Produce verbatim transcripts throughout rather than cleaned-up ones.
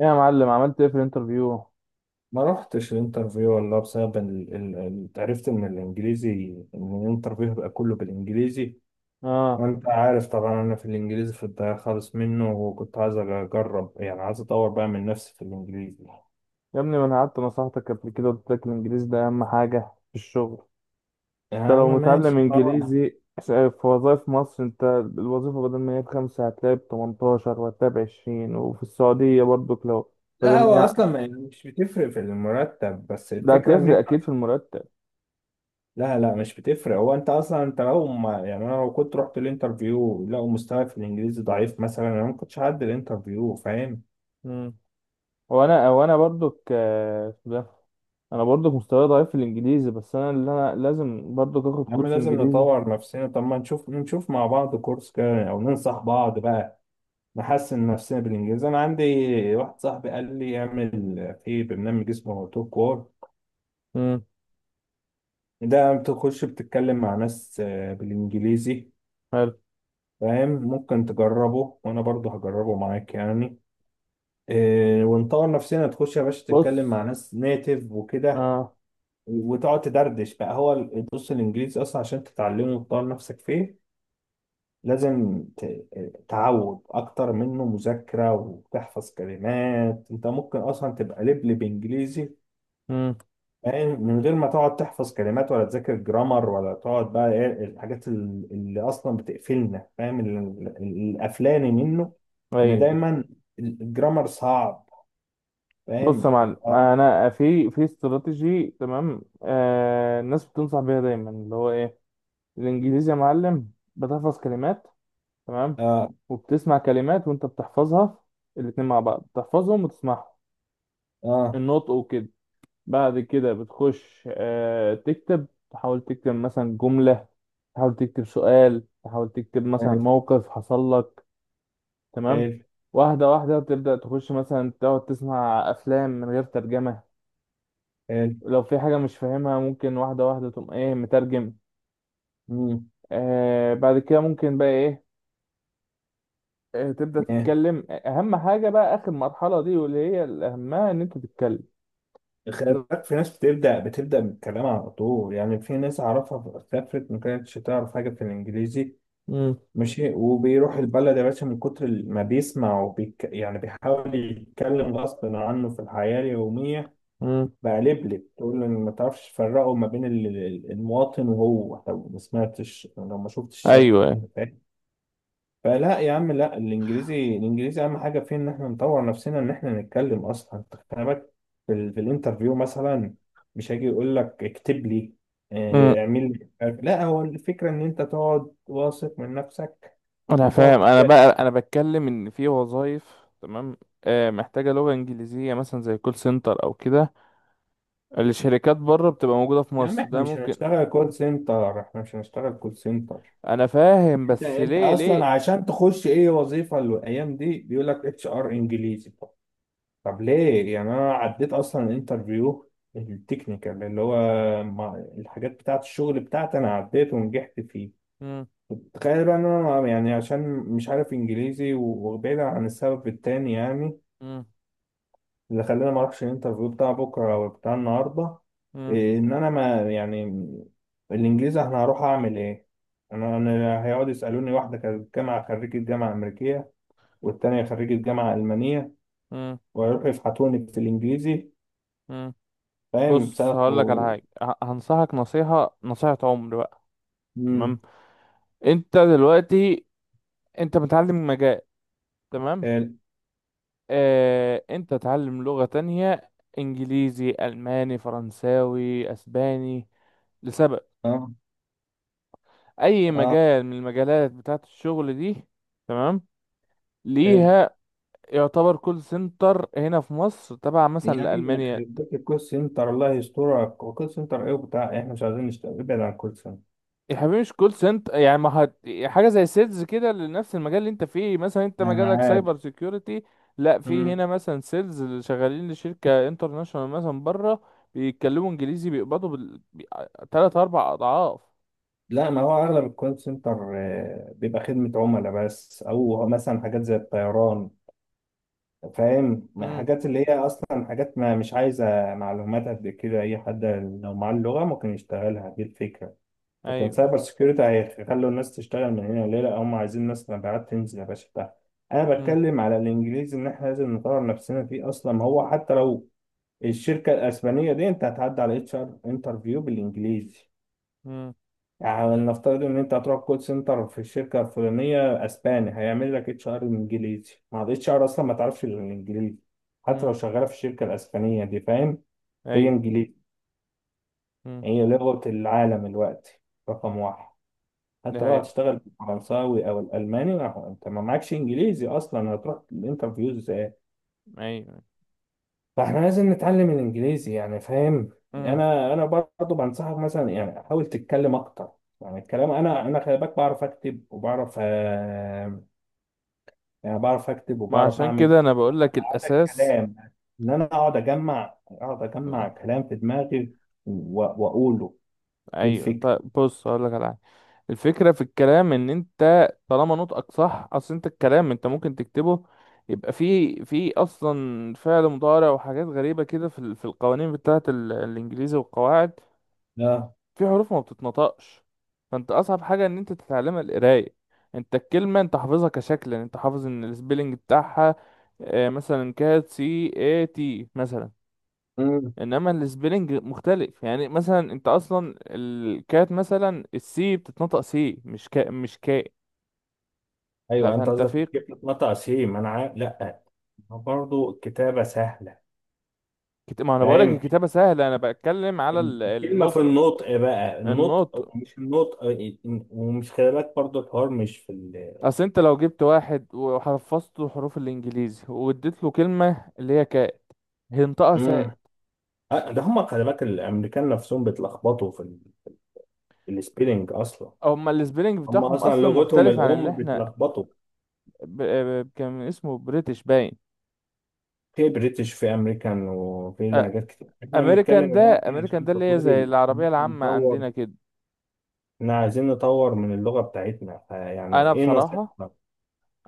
إيه يا معلم، عملت ايه في الانترفيو؟ ما روحتش الانترفيو والله بسبب ال... ال... ال- عرفت ان الانجليزي ان الانترفيو هيبقى كله بالانجليزي. اه وانت عارف طبعا انا في الانجليزي في الضياع خالص منه، وكنت عايز اجرب، يعني عايز اطور بقى من نفسي في الانجليزي. يا ابني، ما انا قعدت نصحتك قبل كده، قلت لك الانجليزي ده اهم حاجه في الشغل. يا انت عم لو متعلم ماشي، ما هو انجليزي في وظائف مصر، انت الوظيفه بدل ما هي بخمسه هتلاقي ب تمنتاشر، وهتلاقي ب عشرين، وفي السعوديه برضك لو بدل لا ما هو هي، اصلا ما- يعني مش بتفرق في المرتب، بس ده الفكره ان هتفرق انت. اكيد في المرتب. لا لا مش بتفرق، هو انت اصلا انت لو ما يعني انا لو كنت رحت الانترفيو لقوا مستواي في الانجليزي ضعيف مثلا، انا ما كنتش هعدي الانترفيو، فاهم؟ امم وانا وانا برضك، آه، اسمه ده، انا برضك مستواي ضعيف في الانجليزي، بس انا اللي انا لازم برضك اخد يا عم كورس لازم انجليزي. نطور نفسنا. طب ما نشوف نشوف مع بعض كورس كده او ننصح بعض بقى، نحسن نفسنا بالانجليزي. انا عندي واحد صاحبي قال لي اعمل في برنامج اسمه توك وور، امم ده بتخش بتتكلم مع ناس، آه، بالانجليزي. حلو. فاهم؟ ممكن تجربه وانا برضه هجربه معاك يعني، آه، ونطور نفسنا. تخش يا باشا تتكلم بص. مع ناس نيتيف وكده، اه. وتقعد تدردش بقى. هو ال- بص الانجليزي اصلا عشان تتعلمه وتطور نفسك فيه لازم ت- تعود اكتر منه مذاكرة وتحفظ كلمات. انت ممكن اصلا تبقى لبلب انجليزي، امم فاهم؟ من غير ما تقعد تحفظ كلمات ولا تذاكر جرامر ولا تقعد بقى ايه الحاجات ال- اللي اصلا بتقفلنا، فاهم؟ ال- ال- القفلاني منه ان دايما الجرامر صعب، بص يا فاهم؟ معلم، اه، انا في في استراتيجي تمام، آه، الناس بتنصح بيها دايما، اللي هو ايه؟ الانجليزي يا معلم بتحفظ كلمات، تمام، اه، وبتسمع كلمات وانت بتحفظها، الاتنين مع بعض بتحفظهم وتسمعهم، اه. النطق وكده. بعد كده بتخش آه تكتب، تحاول تكتب مثلا جملة، تحاول تكتب سؤال، تحاول تكتب مثلا حلو، موقف حصل لك، تمام. حلو، واحدة واحدة تبدأ تخش مثلا تقعد تسمع أفلام من غير ترجمة، حلو. لو في حاجة مش فاهمها ممكن واحدة واحدة تقوم ايه مترجم. آه بعد كده ممكن بقى ايه، آه تبدأ مم، تتكلم. أهم حاجة بقى آخر مرحلة دي، واللي هي الأهمها، إن أنت تتكلم. خلي بت... بالك في ناس بتبدأ بتبدأ بالكلام على طول. يعني في ناس أعرفها سافرت ما كانتش تعرف حاجة في الإنجليزي مم. ماشي، وبيروح البلد يا باشا من كتر ما بيسمع وبيك يعني بيحاول يتكلم غصب عنه في الحياة اليومية. مم. بقى لبلب تقول له إن ما تعرفش تفرقه ما بين ال- ال- المواطن وهو. لو ما سمعتش لو ما شفتش الشكل أيوه. يعني، فاهم؟ فلا يا عم لا، الانجليزي الانجليزي اهم حاجه فيه ان احنا نطور نفسنا، ان احنا نتكلم اصلا. انت خلي بالك في, ال- في الانترفيو مثلا مش هيجي يقول لك اكتب لي، مم. آه، اعمل لي مش عارف. لا هو الفكره ان انت تقعد واثق من نفسك أنا وتقعد فاهم، أنا تك... بقى أنا بتكلم إن في وظايف، تمام، آه محتاجة لغة إنجليزية مثلا زي كول سنتر أو كده، الشركات بره بتبقى موجودة في يا عم مصر، احنا ده مش ممكن. هنشتغل كول سنتر، احنا مش هنشتغل كول سنتر أنا فاهم، انت بس انت ليه ليه. اصلا عشان تخش اي وظيفه الايام دي بيقول لك اتش ار انجليزي. طب ليه؟ يعني انا عديت اصلا الانترفيو التكنيكال اللي هو مع- الحاجات بتاعه الشغل بتاعتي، انا عديت ونجحت فيه. مم. تخيل بقى ان انا يعني عشان مش عارف انجليزي و- وبعيدا عن السبب التاني يعني مم. اللي خلاني ما اروحش الانترفيو بتاع بكره او بتاع النهارده، إيه، ان انا ما يعني الانجليزي انا هروح اعمل ايه؟ انا انا هيقعدوا يسالوني، واحده كانت جامعه خريجه جامعه امريكيه والتانيه خريجه جامعه المانيه، مم. ويروحوا يفحطوني في الانجليزي، مم. فاهم؟ بص سقف هقول لك على و... حاجه. ه- هنصحك نصيحه، نصيحه عمر بقى، تمام. مم. انت دلوقتي انت متعلم مجال، تمام، حلو. آه، انت تعلم لغه تانية، انجليزي، الماني، فرنساوي، اسباني، لسبب. اه، اي اه. مجال من المجالات بتاعه الشغل دي، تمام، حلو. ليها. يعتبر كول سنتر هنا في مصر تبع مثلا يا عم لالمانيا. يخرب بيت الكول سنتر، الله يسترك، وكول سنتر ايه وبتاع، احنا مش عايزين نشتغل، ابعد عن الكول سنتر. يا حبيبي مش كول سنتر يعني، ما هت... حاجه زي سيلز كده لنفس المجال اللي انت فيه، مثلا انت انا مجالك عاد. سايبر سيكيورتي، لا في مم. هنا مثلا سيلز اللي شغالين لشركه انترناشونال مثلا بره، بيتكلموا انجليزي، بيقبضوا بال... بي... تلات اربع اضعاف. لا ما هو اغلب الكول سنتر آه، بيبقى خدمة عملاء بس، او مثلا حاجات زي الطيران، فاهم؟ امم. حاجات اللي هي اصلا حاجات ما مش عايزة معلومات قد كده، اي حد لو معاه اللغة ممكن يشتغلها، دي الفكرة. لكن ايوه. سايبر سكيورتي هيخلوا الناس تشتغل من هنا ليه؟ لا، هم عايزين ناس مبيعات تنزل يا باشا بتاع. انا امم. بتكلم على الانجليزي ان احنا لازم نطور نفسنا فيه اصلا. هو حتى لو الشركه الاسبانيه دي انت هتعدي على اتش ار انترفيو بالانجليزي. امم. يعني نفترض ان انت هتروح كول سنتر في الشركه الفلانيه اسباني، هيعمل لك اتش ار انجليزي. مع الاتش ار اصلا ما تعرفش الانجليزي حتى امم. لو شغاله في الشركه الاسبانيه دي، فاهم؟ هي ايوه. انجليزي، امم. هي لغه العالم الوقت، رقم واحد. ده حتى لو هي. هتشتغل بالفرنساوي او الالماني، ما- انت ما معكش انجليزي اصلا هتروح الانترفيوز ايه؟ ايوه. فاحنا لازم نتعلم الانجليزي يعني، فاهم؟ امم. انا انا برضه بنصحك مثلا يعني حاول تتكلم اكتر. يعني الكلام انا انا خلي بالك بعرف اكتب وبعرف، آه، يعني بعرف اكتب ما وبعرف عشان اعمل كده انا بقول لك هذا الاساس. الكلام. ان انا اقعد اجمع اقعد اجمع كلام في دماغي و- واقوله، دي ايوه الفكره. طيب بص هقول لك على حاجه. الفكره في الكلام ان انت طالما نطقك صح، اصل انت الكلام انت ممكن تكتبه، يبقى فيه في اصلا فعل مضارع وحاجات غريبه كده في ال- في القوانين بتاعه ال- الانجليزي والقواعد، لا. في حروف ما بتتنطقش. فانت اصعب حاجه ان انت تتعلمها القرايه، انت الكلمه انت حافظها كشكل، يعني انت حافظ ان السبيلنج بتاعها، آه، مثلا كات، سي اي تي مثلا، امم. انما السبيلنج مختلف، يعني مثلا انت اصلا الكات، مثلا السي بتتنطق سي، مش كا، مش كاء. لا ايوه انت فانت قصدك في كيف تتنطع سيم، انا عارف. لا برضه الكتابة سهلة، كت... ما انا بقولك فاهم؟ الكتابة سهلة، انا بتكلم على ال- الكلمة في النطق. النطق بقى، النطق النطق. ومش النطق، ومش خلي بالك برضه الحوار مش في ال... اصل انت لو جبت واحد وحفظته حروف الانجليزي، واديت له كلمة اللي هي كات، هينطقها سات. مم. آه، ده هم خلي بالك الأمريكان نفسهم بيتلخبطوا في, ال... في السبيلينج أصلا. هما السبيلنج هم بتاعهم أصلا اصلا لغتهم مختلف عن اللي الأم احنا، بيتلخبطوا. ب... ب- كان اسمه بريتش باين. في بريتش في أمريكان وفي لهجات كتير، إحنا امريكان بنتكلم ده، دلوقتي امريكان ده عشان اللي هي تطوير زي ال- إن العربية إحنا العامة نطور، عندنا كده. إحنا عايزين نطور من اللغة بتاعتنا. فيعني انا إيه بصراحة، نصيحتك؟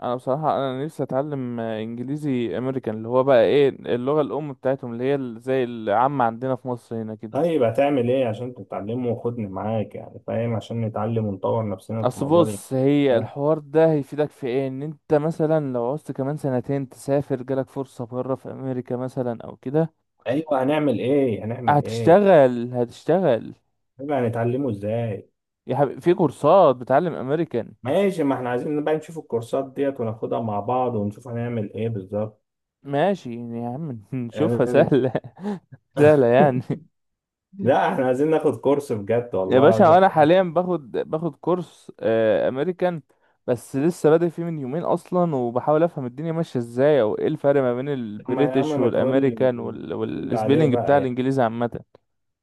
انا بصراحه انا نفسي اتعلم، آه، انجليزي امريكان، اللي هو بقى ايه، اللغه الام بتاعتهم، اللي هي ال- زي العامه عندنا في مصر هنا كده. طيب هتعمل ايه عشان تتعلمه وخدني معاك يعني، فاهم؟ عشان نتعلم ونطور نفسنا في اصل الموضوع ده. بص، هي ده. الحوار ده هيفيدك في ايه، ان انت مثلا لو عوزت كمان سنتين تسافر، جالك فرصه بره في امريكا مثلا او كده، ايوه هنعمل ايه؟ هنعمل ايه؟ هتشتغل، هتشتغل. طيب هنتعلمه ازاي؟ يا حبيبي في كورسات بتعلم امريكان. ماشي، ما احنا عايزين بقى نشوف الكورسات ديت وناخدها مع بعض ونشوف هنعمل ايه بالظبط. ماشي يعني يا عم نشوفها يعني- سهله سهله يعني. لا احنا عايزين ناخد كورس بجد يا والله، عايز باشا انا أتكلم. حاليا باخد باخد كورس، آه، امريكان، بس لسه بادئ فيه من يومين اصلا، وبحاول افهم الدنيا ماشيه ازاي، او ايه الفرق ما بين اما يا البريتش عم ما تقول لي، والامريكان تقول وال... لي عليه والسبيلنج بتاع بقى يعني. الانجليزي عامه.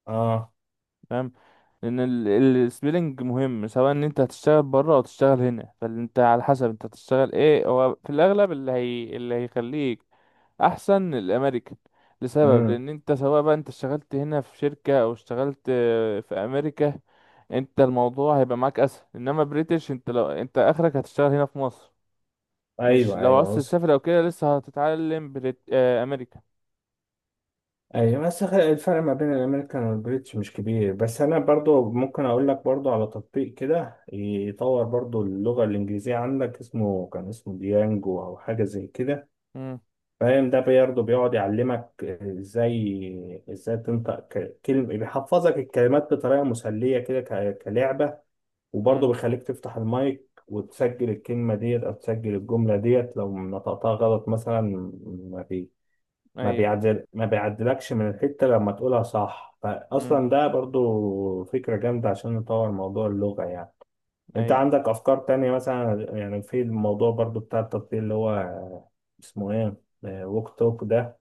اه. فاهم، لان ال- السبيلنج مهم، سواء ان انت هتشتغل بره او تشتغل هنا، فانت على حسب انت هتشتغل ايه، هو في الاغلب اللي هي اللي هيخليك احسن الامريكان، لسبب، امم. لان انت سواء بقى انت اشتغلت هنا في شركة، او اشتغلت آه، في امريكا، انت الموضوع هيبقى معاك اسهل. انما بريتش، انت لو انت اخرك هتشتغل هنا في مصر، مش ايوه. لو ايوه عاوز وصل. تسافر او كده لسه هتتعلم بريت آه، امريكا. ايوه بس خ- الفرق ما بين الامريكان والبريتش مش كبير، بس انا برضو ممكن اقول لك برضو على تطبيق كده يطور برضو اللغه الانجليزيه عندك، اسمه كان اسمه ديانجو او حاجه زي كده، امم. فاهم؟ ده برضو بيقعد يعلمك ازاي ازاي تنطق ك- كلمه، بيحفظك الكلمات بطريقه مسليه كده ك- كلعبه. وبرضو امم. بيخليك تفتح المايك وتسجل الكلمه ديت او تسجل الجمله ديت لو نطقتها غلط مثلا. ما ما ايوه. بيعدل ما بيعدلكش من الحتة لما تقولها صح، امم. فأصلا ده برضو فكرة جامدة عشان نطور موضوع اللغة يعني. أنت ايوه. عندك أفكار تانية مثلا يعني في الموضوع برضو بتاع التطبيق اللي هو اسمه إيه، ووك توك ده،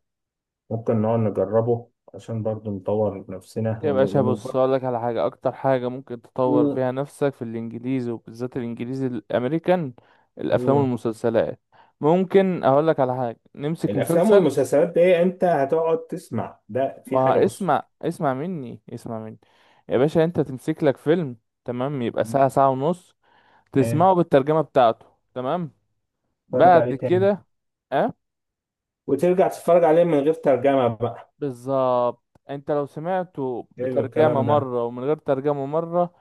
ممكن نقعد نجربه عشان برضو نطور نفسنا يا ون... باشا ون... بص اقول لك على حاجه، اكتر حاجه ممكن تطور مم. بيها نفسك في الانجليزي، وبالذات الانجليزي الامريكان، الافلام مم. والمسلسلات. ممكن اقول لك على حاجه، نمسك الأفلام مسلسل. والمسلسلات دي أنت هتقعد تسمع ده، في حاجة ما بص. اسمع اسمع مني، اسمع مني. يا باشا انت تمسك لك فيلم، تمام، يبقى ساعة، مم. ساعة ونص، إيه، تسمعه بالترجمة بتاعته، تمام، اتفرج بعد عليه تاني، كده، اه، وترجع تتفرج عليه من غير ترجمة بقى. بالظبط. انت لو سمعته حلو بترجمة الكلام ده. مرة ومن غير ترجمة مرة،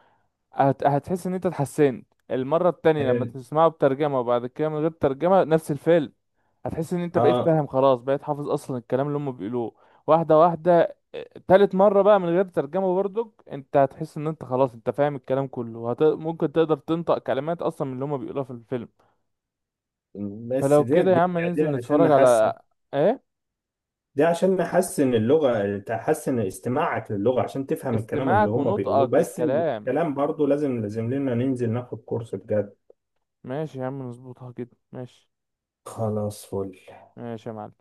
هت... هتحس ان انت اتحسنت. المرة التانية لما حلو. تسمعه بترجمة وبعد كده من غير ترجمة، نفس الفيلم، هتحس ان انت بقيت اه فاهم خلاص، بقيت حافظ اصلا الكلام اللي هم بيقولوه. واحدة واحدة، اه، تالت مرة بقى من غير ترجمة برضك، انت هتحس ان انت خلاص انت فاهم الكلام كله، وهت... ممكن تقدر تنطق كلمات اصلا من اللي هم بيقولوها في الفيلم. بس فلو دي كده يا دي, عم دي ننزل عشان نتفرج على نحسن، ايه. دي عشان نحسن اللغة، تحسن استماعك للغة عشان تفهم الكلام اللي استماعك هم بيقولوه. ونطقك بس للكلام. الكلام برضو لازم لازم لنا ننزل ناخد كورس بجد. ماشي يا عم، نظبطها كده، ماشي. خلاص فل. ماشي يا معلم.